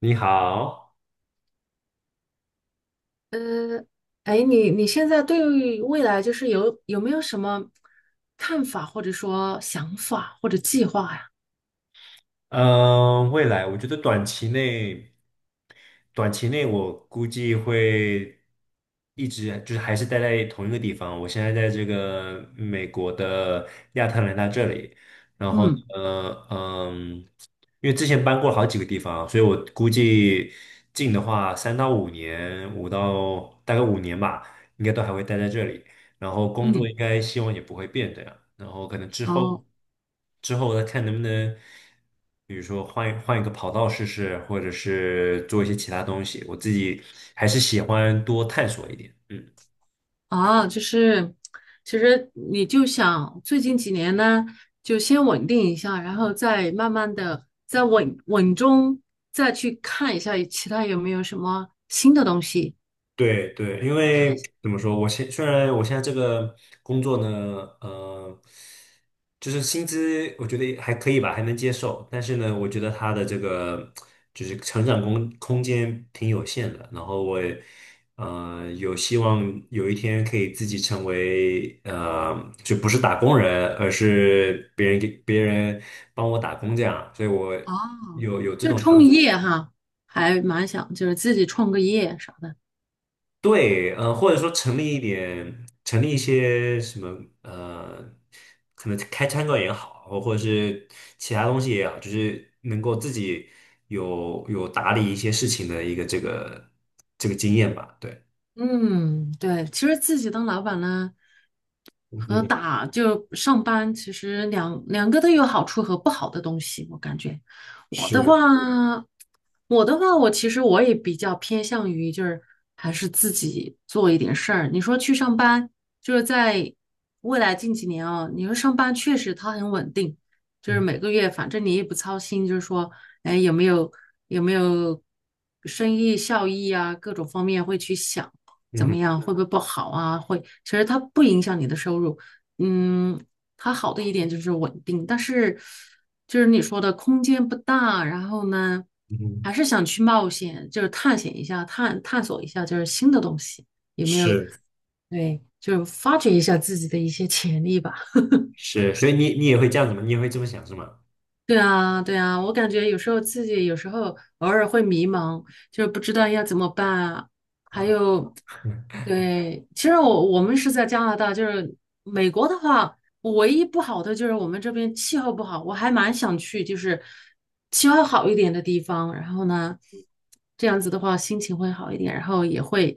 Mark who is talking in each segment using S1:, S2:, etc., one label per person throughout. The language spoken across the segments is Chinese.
S1: 你好，
S2: 呃，哎，你现在对于未来就是有没有什么看法，或者说想法或者计划呀？
S1: 嗯，未来我觉得短期内，我估计会一直就是还是待在同一个地方。我现在在这个美国的亚特兰大这里，然后呢，
S2: 嗯
S1: 嗯，因为之前搬过好几个地方啊，所以我估计近的话，三到五年，五到大概五年吧，应该都还会待在这里。然后工作
S2: 嗯，
S1: 应该希望也不会变这样，然后可能之
S2: 哦
S1: 后再看能不能，比如说换一个跑道试试，或者是做一些其他东西，我自己还是喜欢多探索一点，嗯。
S2: 啊，就是其实你就想最近几年呢，就先稳定一下，然后再慢慢的再稳稳中再去看一下其他有没有什么新的东西。
S1: 对对，因为怎么说，虽然我现在这个工作呢，呃，就是薪资我觉得也还可以吧，还能接受，但是呢，我觉得他的这个就是成长空间挺有限的，然后我也有希望有一天可以自己成为就不是打工人，而是别人帮我打工这样，所以我
S2: 哦，
S1: 有这
S2: 就
S1: 种想
S2: 创
S1: 法。
S2: 业哈，还蛮想就是自己创个业啥的。
S1: 对，或者说成立一些什么，可能开餐馆也好，或者是其他东西也好，就是能够自己有打理一些事情的一个这个经验吧。对，
S2: 嗯，对，其实自己当老板呢，
S1: 嗯
S2: 和
S1: 哼，
S2: 打就上班，其实两个都有好处和不好的东西。我感觉我的话，
S1: 是，
S2: 我其实我也比较偏向于就是还是自己做一点事儿。你说去上班，就是在未来近几年啊，你说上班确实它很稳定，就是
S1: 嗯，
S2: 每个月反正你也不操心，就是说，哎，有没有生意效益啊，各种方面会去想。
S1: 嗯
S2: 怎么
S1: 哼，
S2: 样，会不会不好啊？会，其实它不影响你的收入。嗯，它好的一点就是稳定，但是就是你说的空间不大，然后呢，
S1: 嗯哼，
S2: 还是想去冒险，就是探险一下，探索一下，就是新的东西，有没有？
S1: 是，
S2: 对，就是发掘一下自己的一些潜力吧。
S1: 是，所以你也会这样子吗？你也会这么想是吗？
S2: 对啊，对啊，我感觉有时候自己有时候偶尔会迷茫，就是不知道要怎么办啊。还
S1: 啊，
S2: 有，对，其实我们是在加拿大，就是美国的话，唯一不好的就是我们这边气候不好，我还蛮想去，就是气候好一点的地方。然后呢，这样子的话心情会好一点，然后也会，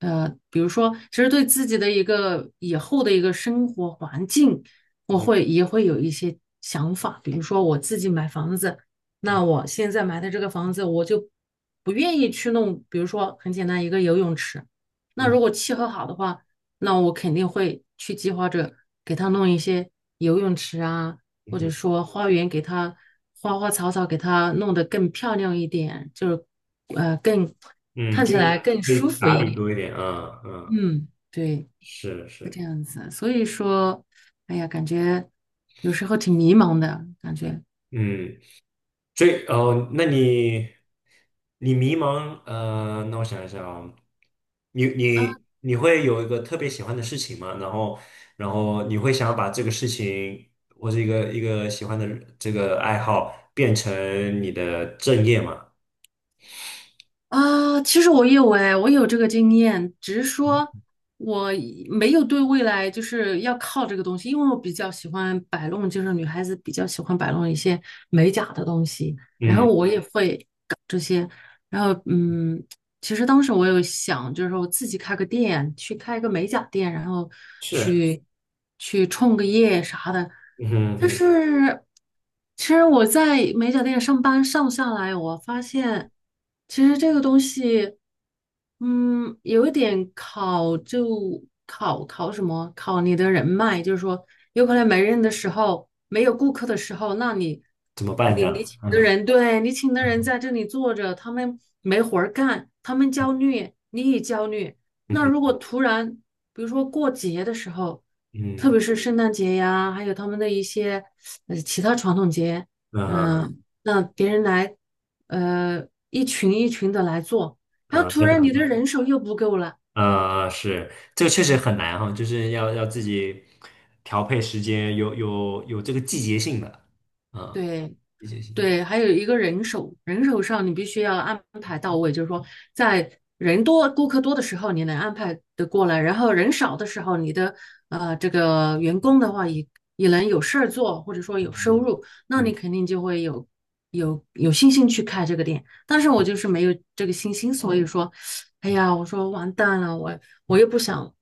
S2: 比如说，其实对自己的一个以后的一个生活环境。
S1: 嗯
S2: 我
S1: 哼，
S2: 会也会有一些想法，比如说我自己买房子，
S1: 嗯
S2: 那我现在买的这个房子，我就不愿意去弄，比如说很简单一个游泳池，那
S1: 嗯
S2: 如果契合好的话，那我肯定会去计划着给他弄一些游泳池啊，
S1: 嗯
S2: 或者
S1: 哼
S2: 说花园给他花花草草给他弄得更漂亮一点，就是呃更
S1: 嗯，
S2: 看
S1: 就
S2: 起来
S1: 是
S2: 更
S1: 可以
S2: 舒服
S1: 打
S2: 一
S1: 理
S2: 点。
S1: 多一点，啊，嗯，
S2: 嗯，对。
S1: 是
S2: 是
S1: 是，
S2: 这样子，所以说，哎呀，感觉有时候挺迷茫的感觉
S1: 嗯。所以哦，那你迷茫，那我想一下啊，你
S2: 啊
S1: 你你会有一个特别喜欢的事情吗？然后你会想要把这个事情或者一个喜欢的爱好变成你的正业吗？
S2: 啊！其实我有哎，我有这个经验，只是说我没有对未来就是要靠这个东西，因为我比较喜欢摆弄，就是女孩子比较喜欢摆弄一些美甲的东西，然后
S1: 嗯，
S2: 我也会搞这些，然后嗯，其实当时我有想，就是我自己开个店，去开一个美甲店，然后
S1: 是，
S2: 去去创个业啥的。
S1: 嗯哼嗯
S2: 但
S1: 哼，
S2: 是，其实我在美甲店上班上下来，我发现其实这个东西。嗯，有一点考就考什么？考你的人脉，就是说，有可能没人的时候，没有顾客的时候，那你
S1: 怎么办这
S2: 你
S1: 样？
S2: 你请
S1: 嗯
S2: 的人，对你请的人在这里坐着，他们没活儿干，他们焦虑，你也焦虑。
S1: 嗯
S2: 那
S1: 哼
S2: 如果突然，比如说过节的时候，
S1: 嗯嗯
S2: 特别
S1: 哼
S2: 是圣诞节呀，还有他们的一些其他传统节，
S1: 嗯，
S2: 嗯、那别人来，一群一群的来做。然后
S1: 那
S2: 突
S1: 怎
S2: 然
S1: 么
S2: 你的
S1: 办？
S2: 人手又不够了，
S1: 是，这个确实
S2: 对，
S1: 很难哈，就是要自己调配时间，有这个季节性的，啊，
S2: 对，
S1: 季节性的，
S2: 对，还有一个人手，人手上你必须要安排到位，就是说在人多、顾客多的时候，你能安排的过来，然后人少的时候，你的这个员工的话也能有事儿做，或者说有收
S1: 嗯
S2: 入，那
S1: 嗯，
S2: 你肯定就会有信心去开这个店。但是我就是没有这个信心，所以说，哎 呀，我说完蛋了，我我又不想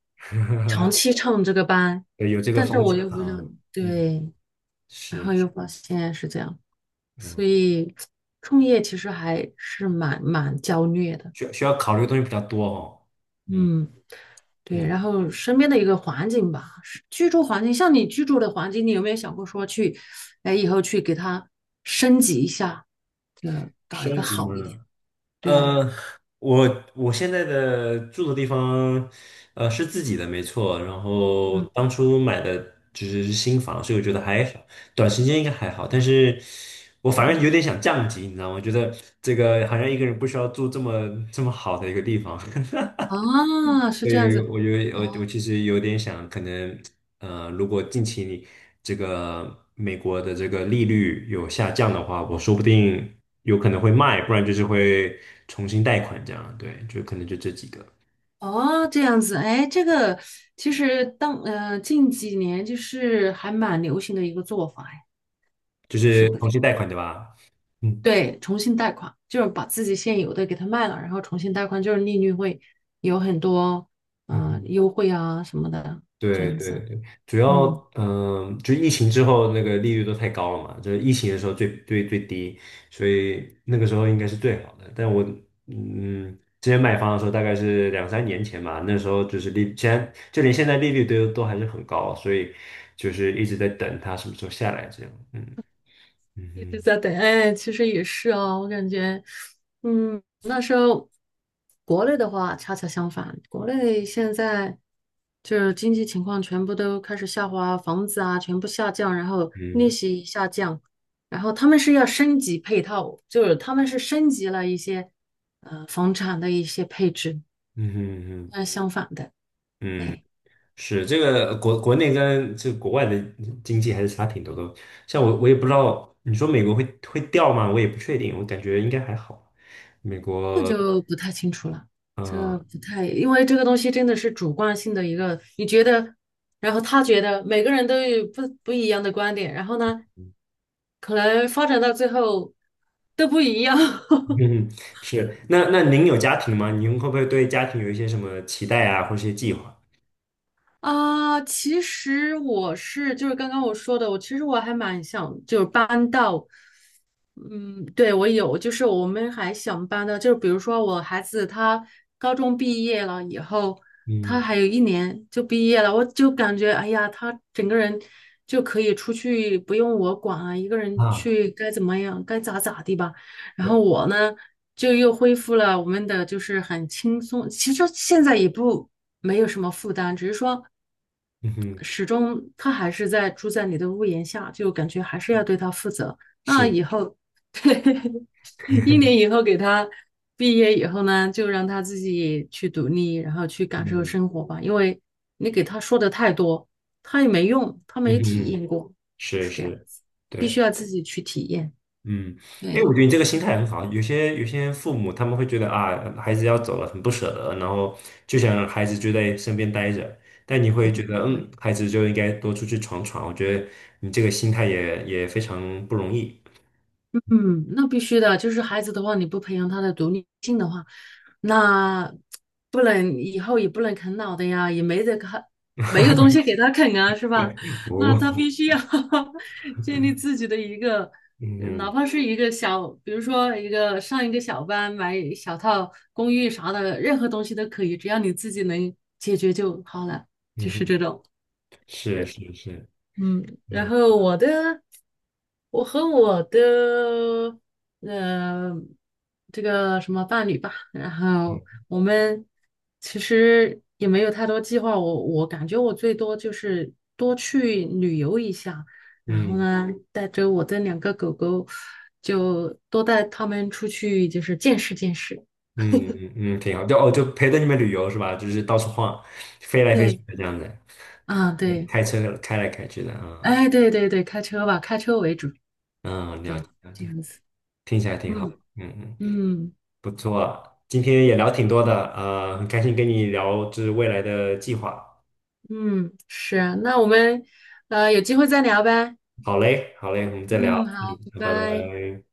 S2: 长
S1: 嗯
S2: 期唱这个班，
S1: 对，有这个
S2: 但是
S1: 风
S2: 我
S1: 险
S2: 又不想，
S1: 啊，嗯，
S2: 对，然
S1: 是，
S2: 后
S1: 是
S2: 又发现是这样。所
S1: 嗯，
S2: 以创业其实还是蛮焦虑的，
S1: 需要考虑的东西比较多哦，嗯
S2: 嗯，对。
S1: 嗯，
S2: 然后身边的一个环境吧，是居住环境，像你居住的环境，你有没有想过说去，哎，以后去给它升级一下？
S1: 升级嘛，
S2: 对呀，
S1: 呃，我现在的住的地方，是自己的，没错。然后
S2: 嗯，
S1: 当初买的就是新房，所以我觉得还好，短时间应该还好。但是我反
S2: 嗯，
S1: 正有点想降级，你知道吗？觉得这个好像一个人不需要住这么好的一个地方。
S2: 啊，是这样
S1: 对，
S2: 子，
S1: 我
S2: 哦，
S1: 其实有点想，可能如果近期你这个美国的这个利率有下降的话，我说不定有可能会卖，不然就是会重新贷款这样。对，就可能就这几个，
S2: 哦，这样子，哎，这个其实当近几年就是还蛮流行的一个做法，哎，
S1: 就
S2: 是
S1: 是
S2: 会。
S1: 重新贷款对吧？
S2: 对，重新贷款就是把自己现有的给它卖了，然后重新贷款，就是利率会有很多
S1: 嗯。
S2: 优惠啊什么的，这
S1: 对
S2: 样
S1: 对
S2: 子。
S1: 对，主要
S2: 嗯。
S1: 就疫情之后那个利率都太高了嘛，就是疫情的时候最低，所以那个时候应该是最好的。但我嗯，之前买房的时候大概是两三年前嘛，那时候就是利，现在利率都还是很高，所以就是一直在等它什么时候下来这样。嗯嗯
S2: 一直
S1: 哼
S2: 在等，哎，其实也是哦，我感觉，嗯，那时候国内的话恰恰相反，国内现在就是经济情况全部都开始下滑，房子啊全部下降，然后利
S1: 嗯
S2: 息下降，然后他们是要升级配套，就是他们是升级了一些房产的一些配置，
S1: 嗯哼嗯
S2: 那
S1: 哼
S2: 相反的，
S1: 嗯。
S2: 对。
S1: 是这个国内跟这个国外的经济还是差挺多的。像我，我也不知道，你说美国会掉吗？我也不确定，我感觉应该还好。
S2: 这就不太清楚了，这
S1: 嗯，
S2: 不太，因为这个东西真的是主观性的一个，你觉得，然后他觉得，每个人都有不一样的观点，然后呢，可能发展到最后都不一样。
S1: 嗯，是。那那您有家庭吗？您会不会对家庭有一些什么期待啊，或者一些计划？
S2: 啊，其实我是就是刚刚我说的，我其实我还蛮想就是搬到，嗯，对我有，就是我们还想搬的，就是比如说我孩子他高中毕业了以后，他
S1: 嗯
S2: 还有一年就毕业了，我就感觉哎呀，他整个人就可以出去，不用我管啊，一个人
S1: 啊，
S2: 去该怎么样该咋咋地吧。然后
S1: 对，
S2: 我呢，就又恢复了我们的就是很轻松，其实现在也不没有什么负担，只是说
S1: 嗯哼，
S2: 始终他还是在住在你的屋檐下，就感觉还是要对他负责。那
S1: 是，
S2: 以后，一年 以后给他毕业以后呢，就让他自己去独立，然后去感受
S1: 嗯
S2: 生活吧，因为你给他说的太多，他也没用，他
S1: 嗯
S2: 没体
S1: 哼，
S2: 验过，
S1: 是
S2: 是这样
S1: 是，
S2: 子，必
S1: 对。
S2: 须要自己去体验。
S1: 嗯，哎，我
S2: 对，
S1: 觉得你这个心态很好。有些父母他们会觉得啊，孩子要走了很不舍得，然后就想让孩子就在身边待着。但你会
S2: 不会，
S1: 觉得，
S2: 不会。
S1: 嗯，孩子就应该多出去闯闯。我觉得你这个心态也非常不容易。
S2: 嗯，那必须的，就是孩子的话，你不培养他的独立性的话，那不能以后也不能啃老的呀，也没得啃，没有东西给他啃啊，是吧？那
S1: 哦，
S2: 他必须要 建立自己的一个，哪
S1: 嗯
S2: 怕是一个小，比如说一个上一个小班，买小套公寓啥的，任何东西都可以，只要你自己能解决就好了，就是
S1: 嗯，
S2: 这种。
S1: 是是是，
S2: 嗯，然
S1: 嗯
S2: 后我的，我和我的，呃，这个什么伴侣吧，然后
S1: 嗯
S2: 我们其实也没有太多计划，我感觉我最多就是多去旅游一下，然后
S1: 嗯
S2: 呢，带着我的两个狗狗，就多带他们出去，就是见识见识。
S1: 嗯嗯，挺好。就哦，就陪着你们旅游是吧？就是到处晃，飞来飞去
S2: 对，
S1: 的这样子，
S2: 啊，对，
S1: 开车开来开去的啊，
S2: 哎，对对对，开车吧，开车为主，
S1: 嗯，
S2: 对，
S1: 了
S2: 这
S1: 解，
S2: 样子，
S1: 听起来挺好。
S2: 嗯
S1: 嗯嗯。
S2: 嗯。
S1: 不错，今天也聊挺多的，很开心跟你聊这是未来的计划。
S2: 嗯，是，那我们有机会再聊呗。
S1: 好嘞，好嘞，我们再聊，
S2: 嗯，
S1: 嗯，
S2: 好，拜
S1: 拜
S2: 拜。
S1: 拜。